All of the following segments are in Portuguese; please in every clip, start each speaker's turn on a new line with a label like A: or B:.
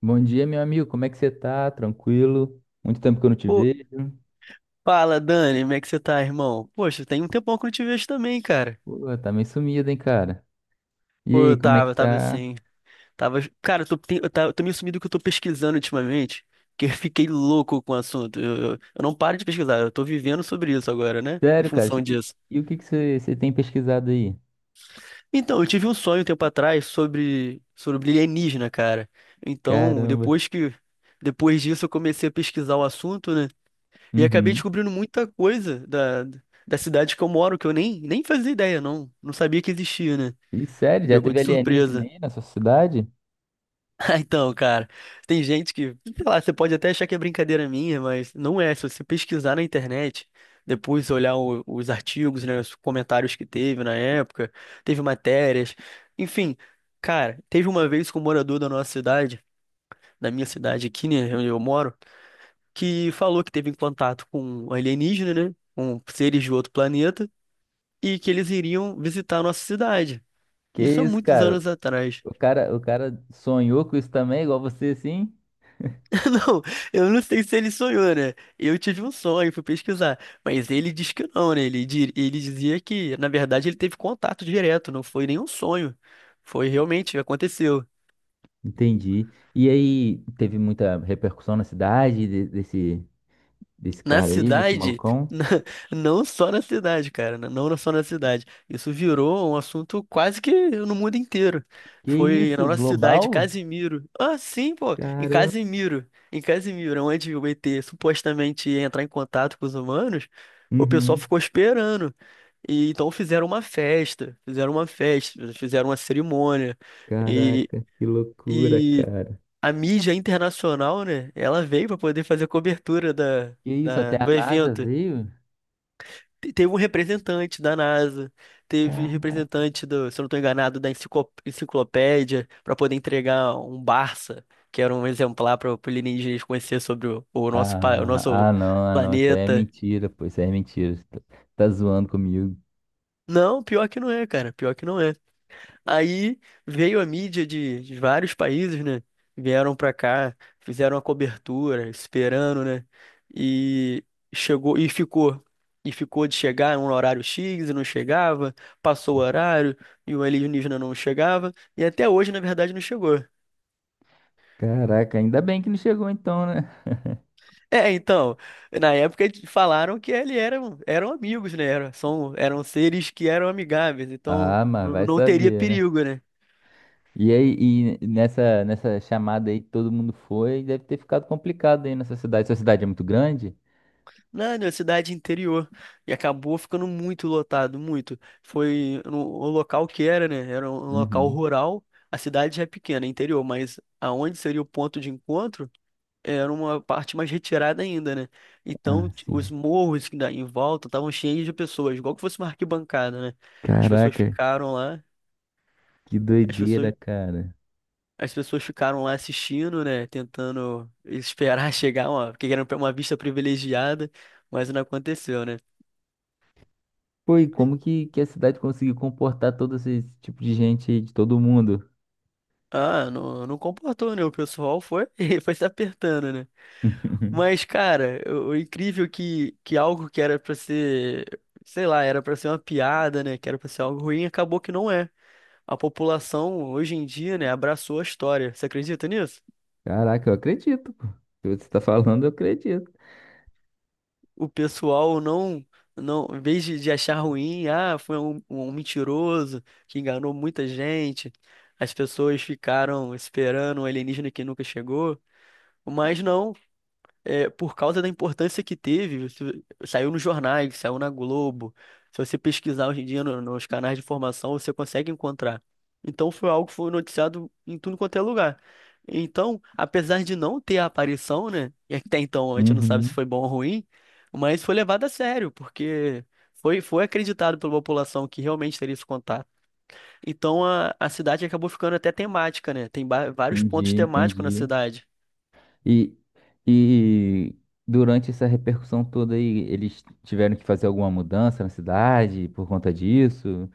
A: Bom dia, meu amigo. Como é que você tá? Tranquilo? Muito tempo que eu não te
B: Pô,
A: vejo.
B: fala, Dani, como é que você tá, irmão? Poxa, tem um tempão que eu não te vejo também, cara.
A: Pô, tá meio sumido, hein, cara? E
B: Pô, eu
A: aí, como é que
B: tava, eu tava
A: tá?
B: assim, Cara, eu tô meio sumido que eu tô pesquisando ultimamente, que eu fiquei louco com o assunto. Eu não paro de pesquisar, eu tô vivendo sobre isso agora, né? Em
A: Sério, cara?
B: função
A: E,
B: disso.
A: e o que que você tem pesquisado aí?
B: Então, eu tive um sonho um tempo atrás sobre alienígena, cara. Então,
A: Caramba.
B: depois que... Depois disso, eu comecei a pesquisar o assunto, né? E acabei
A: Uhum.
B: descobrindo muita coisa da cidade que eu moro, que eu nem fazia ideia, não. Não sabia que existia, né?
A: E sério,
B: Me
A: já
B: pegou
A: teve
B: de
A: alienígena
B: surpresa.
A: aí na sua cidade?
B: Então, cara, tem gente que, sei lá, você pode até achar que é brincadeira minha, mas não é. Se você pesquisar na internet, depois olhar os artigos, né, os comentários que teve na época, teve matérias, enfim, cara, teve uma vez que um morador da nossa cidade, da minha cidade aqui, né, onde eu moro, que falou que teve em contato com alienígena, né? Com seres de outro planeta, e que eles iriam visitar a nossa cidade.
A: Que
B: Isso há
A: isso,
B: muitos
A: cara?
B: anos atrás.
A: O cara sonhou com isso também, igual você, assim?
B: Não, eu não sei se ele sonhou, né? Eu tive um sonho, fui pesquisar. Mas ele diz que não, né? Ele dizia que, na verdade, ele teve contato direto, não foi nenhum sonho. Foi realmente, aconteceu.
A: Entendi. E aí, teve muita repercussão na cidade desse, desse
B: Na
A: cara aí, desse
B: cidade,
A: malucão?
B: não só na cidade, cara, né, não só na cidade. Isso virou um assunto quase que no mundo inteiro.
A: Que
B: Foi na
A: isso,
B: nossa cidade,
A: global?
B: Casimiro. Ah, sim, pô, em
A: Caramba.
B: Casimiro. Em Casimiro, onde o ET supostamente ia entrar em contato com os humanos, o pessoal
A: Uhum.
B: ficou esperando. E então fizeram uma festa, fizeram uma cerimônia.
A: Caraca, que loucura,
B: E
A: cara.
B: a mídia internacional, né? Ela veio para poder fazer a cobertura
A: Que isso, até a
B: do
A: NASA
B: evento.
A: veio?
B: Teve um representante da NASA, teve
A: Cara.
B: representante do, se eu não estou enganado, da enciclopédia, para poder entregar um Barça, que era um exemplar para o alienígenas conhecer sobre o nosso, o nosso
A: Não, ah, não, isso aí é
B: planeta.
A: mentira, pô, isso aí é mentira. Você tá, tá zoando comigo.
B: Não, pior que não é, cara. Pior que não é. Aí veio a mídia de vários países, né? Vieram pra cá, fizeram a cobertura, esperando, né? E chegou e ficou. E ficou de chegar no horário X e não chegava, passou o horário e o alienígena não chegava, e até hoje, na verdade, não chegou.
A: Caraca, ainda bem que não chegou então, né?
B: É, então, na época eles falaram que eram amigos, né? Eram, são, eram seres que eram amigáveis, então
A: Ah, mas vai
B: não teria
A: saber, né?
B: perigo, né?
A: E aí, e nessa chamada aí que todo mundo foi, deve ter ficado complicado aí nessa cidade. Sua cidade é muito grande?
B: Não, na cidade interior. E acabou ficando muito lotado, muito. Foi no, o local que era, né? Era um local
A: Uhum.
B: rural. A cidade já é pequena, é interior, mas aonde seria o ponto de encontro era uma parte mais retirada ainda, né? Então
A: Ah,
B: t- os
A: sim.
B: morros que dá em volta estavam cheios de pessoas, igual que fosse uma arquibancada, né? As pessoas
A: Caraca,
B: ficaram lá,
A: que
B: as
A: doideira,
B: pessoas,
A: cara.
B: as pessoas ficaram lá assistindo, né? Tentando esperar chegar, uma, porque era uma vista privilegiada, mas não aconteceu, né?
A: Foi como que a cidade conseguiu comportar todo esse tipo de gente aí, de todo mundo?
B: Ah, não, não comportou, né? O pessoal foi, foi se apertando, né? Mas, cara, o incrível é que algo que era pra ser, sei lá, era pra ser uma piada, né? Que era pra ser algo ruim, acabou que não é. A população, hoje em dia, né, abraçou a história. Você acredita nisso?
A: Caraca, eu acredito, pô. Se você tá falando, eu acredito.
B: O pessoal não, não, em vez de achar ruim, ah, foi um mentiroso que enganou muita gente. As pessoas ficaram esperando um alienígena que nunca chegou. Mas não. É, por causa da importância que teve, isso saiu nos jornais, saiu na Globo. Se você pesquisar hoje em dia nos canais de informação, você consegue encontrar. Então foi algo que foi noticiado em tudo quanto é lugar. Então, apesar de não ter a aparição, né? E até então a gente não sabe se
A: Uhum,
B: foi bom ou ruim, mas foi levado a sério, porque foi acreditado pela população que realmente teria esse contato. Então a cidade acabou ficando até temática, né? Tem vários pontos
A: entendi,
B: temáticos na
A: entendi.
B: cidade.
A: E, e durante essa repercussão toda aí, eles tiveram que fazer alguma mudança na cidade por conta disso?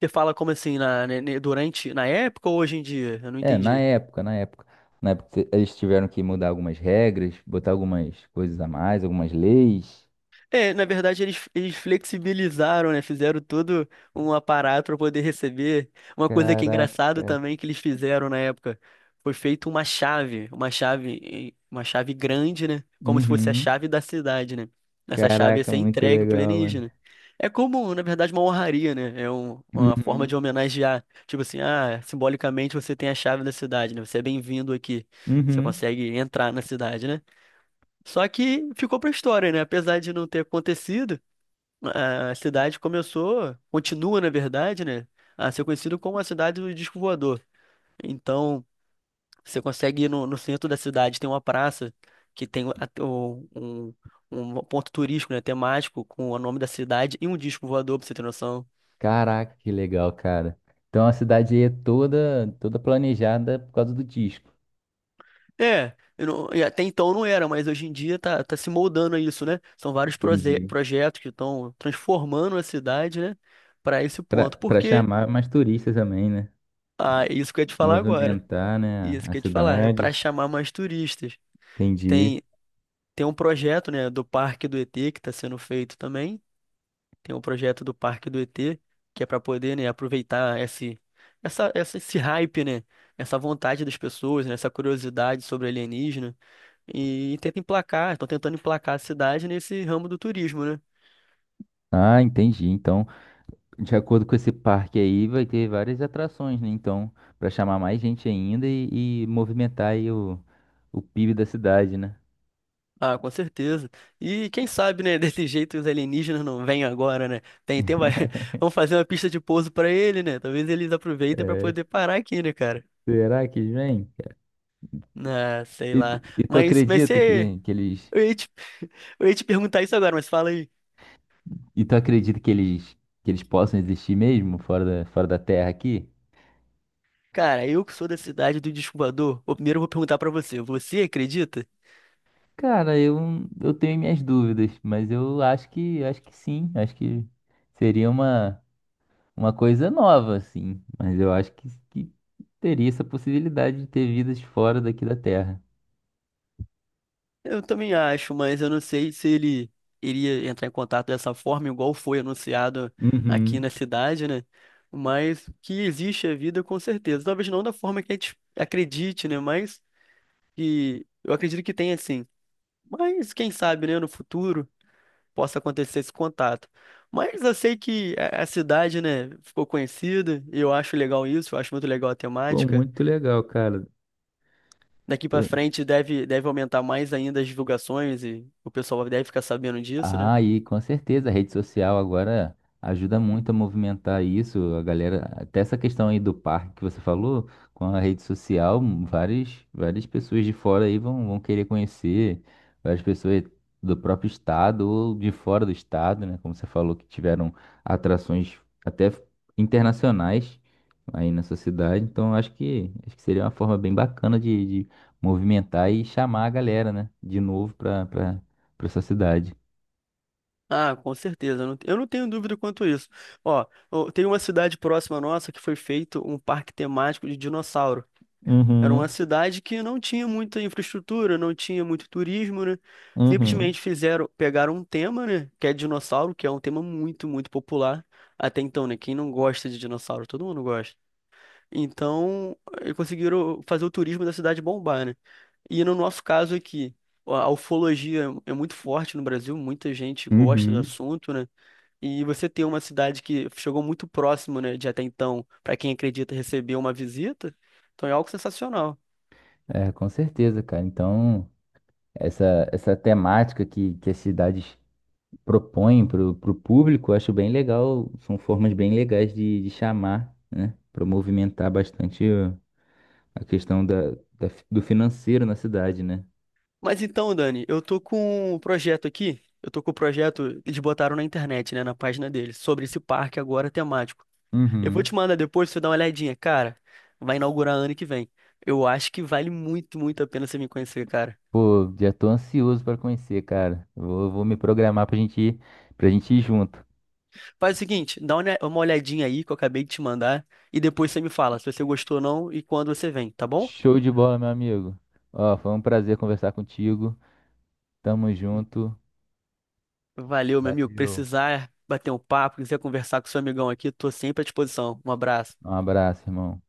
B: Você fala como assim, na, ne- ne- durante, na época ou hoje em dia? Eu não
A: É, na
B: entendi.
A: época, na época. Na época eles tiveram que mudar algumas regras, botar algumas coisas a mais, algumas leis.
B: É, na verdade, eles flexibilizaram, né? Fizeram todo um aparato para poder receber. Uma coisa que é engraçado
A: Caraca.
B: também que eles fizeram na época foi feito uma chave, uma chave grande, né? Como se fosse a
A: Uhum.
B: chave da cidade, né? Essa chave ia
A: Caraca,
B: ser
A: muito
B: entregue pro
A: legal, mano.
B: alienígena. É como, na verdade, uma honraria, né? Uma forma de
A: Uhum.
B: homenagear. Tipo assim, ah, simbolicamente você tem a chave da cidade, né? Você é bem-vindo aqui. Você
A: Uhum.
B: consegue entrar na cidade, né? Só que ficou pra história, né? Apesar de não ter acontecido, a cidade começou, continua, na verdade, né? A ser conhecida como a cidade do disco voador. Então, você consegue ir no centro da cidade, tem uma praça que tem um ponto turístico, né? Temático, com o nome da cidade e um disco voador, pra você ter noção.
A: Caraca, que legal, cara. Então a cidade aí é toda planejada por causa do disco.
B: É, eu não- E até então não era, mas hoje em dia tá, tá se moldando a isso, né? São vários
A: Entendi.
B: projetos que estão transformando a cidade, né? Para esse
A: Pra
B: ponto.
A: Para
B: Porque.
A: chamar mais turistas também, né?
B: Ah, isso que eu ia te falar agora.
A: Movimentar, né,
B: Isso
A: a
B: que eu ia te falar. É para
A: cidade.
B: chamar mais turistas.
A: Entendi.
B: Tem, tem um projeto, né, do Parque do ET que está sendo feito também. Tem um projeto do Parque do ET, que é para poder, né, aproveitar esse hype, né? Essa vontade das pessoas, né, essa curiosidade sobre alienígena. E tenta emplacar, estão tentando emplacar a cidade nesse ramo do turismo, né?
A: Ah, entendi. Então, de acordo com esse parque aí, vai ter várias atrações, né? Então, pra chamar mais gente ainda e movimentar aí o PIB da cidade, né?
B: Ah, com certeza. E quem sabe, né, desse jeito os alienígenas não vêm agora, né? Vai... Vamos fazer uma pista de pouso pra ele, né? Talvez eles aproveitem pra
A: É.
B: poder parar aqui, né, cara?
A: Será que vem?
B: Ah, sei
A: E, tu-
B: lá.
A: e tu
B: Mas
A: acredita
B: você...
A: que eles.
B: Eu ia te... eu ia te perguntar isso agora, mas fala aí.
A: E tu acredita que eles possam existir mesmo fora da Terra aqui?
B: Cara, eu que sou da cidade do Descubador, eu primeiro vou perguntar pra você. Você acredita?
A: Cara, eu tenho minhas dúvidas, mas eu acho que sim. Acho que seria uma coisa nova, assim. Mas eu acho que teria essa possibilidade de ter vidas fora daqui da Terra.
B: Eu também acho, mas eu não sei se ele iria entrar em contato dessa forma, igual foi anunciado aqui na
A: Uhum.
B: cidade, né? Mas que existe a vida, com certeza. Talvez não da forma que a gente acredite, né? Mas que eu acredito que tenha sim. Mas quem sabe, né, no futuro possa acontecer esse contato. Mas eu sei que a cidade, né, ficou conhecida, e eu acho legal isso, eu acho muito legal a
A: Pô,
B: temática.
A: muito legal, cara.
B: Daqui pra frente deve aumentar mais ainda as divulgações e o pessoal deve ficar sabendo disso, né?
A: Ah, e com certeza a rede social agora ajuda muito a movimentar isso, a galera, até essa questão aí do parque que você falou, com a rede social, várias, várias pessoas de fora aí vão, vão querer conhecer, várias pessoas do próprio estado ou de fora do estado, né, como você falou, que tiveram atrações até internacionais aí nessa cidade, então acho que seria uma forma bem bacana de movimentar e chamar a galera, né, de novo para essa cidade.
B: Ah, com certeza. Eu eu não tenho dúvida quanto a isso. Ó, tem uma cidade próxima nossa que foi feito um parque temático de dinossauro. Era uma
A: Uhum,
B: cidade que não tinha muita infraestrutura, não tinha muito turismo, né?
A: uhum.
B: Simplesmente fizeram, pegaram um tema, né? Que é dinossauro, que é um tema muito popular até então, né? Quem não gosta de dinossauro? Todo mundo gosta. Então, conseguiram fazer o turismo da cidade bombar, né? E no nosso caso aqui, a ufologia é muito forte no Brasil, muita gente gosta do
A: Uhum.
B: assunto, né? E você ter uma cidade que chegou muito próximo, né, de até então, para quem acredita receber uma visita, então é algo sensacional.
A: É, com certeza, cara. Então, essa temática que as cidades propõem para o público, eu acho bem legal. São formas bem legais de chamar, né? Para movimentar bastante a questão da, da do financeiro na cidade, né?
B: Mas então, Dani, eu tô com o projeto, eles botaram na internet, né, na página deles, sobre esse parque agora temático. Eu vou te
A: Uhum.
B: mandar depois, você dá uma olhadinha, cara. Vai inaugurar ano que vem. Eu acho que vale muito a pena você me conhecer, cara.
A: Pô, já tô ansioso para conhecer, cara. Vou, vou me programar pra gente ir junto.
B: Faz o seguinte, dá uma olhadinha aí que eu acabei de te mandar e depois você me fala se você gostou ou não e quando você vem, tá bom?
A: Show de bola, meu amigo. Ó, foi um prazer conversar contigo. Tamo junto.
B: Valeu, meu amigo.
A: Valeu.
B: Precisar bater um papo, quiser conversar com seu amigão aqui, tô sempre à disposição. Um abraço.
A: Um abraço, irmão.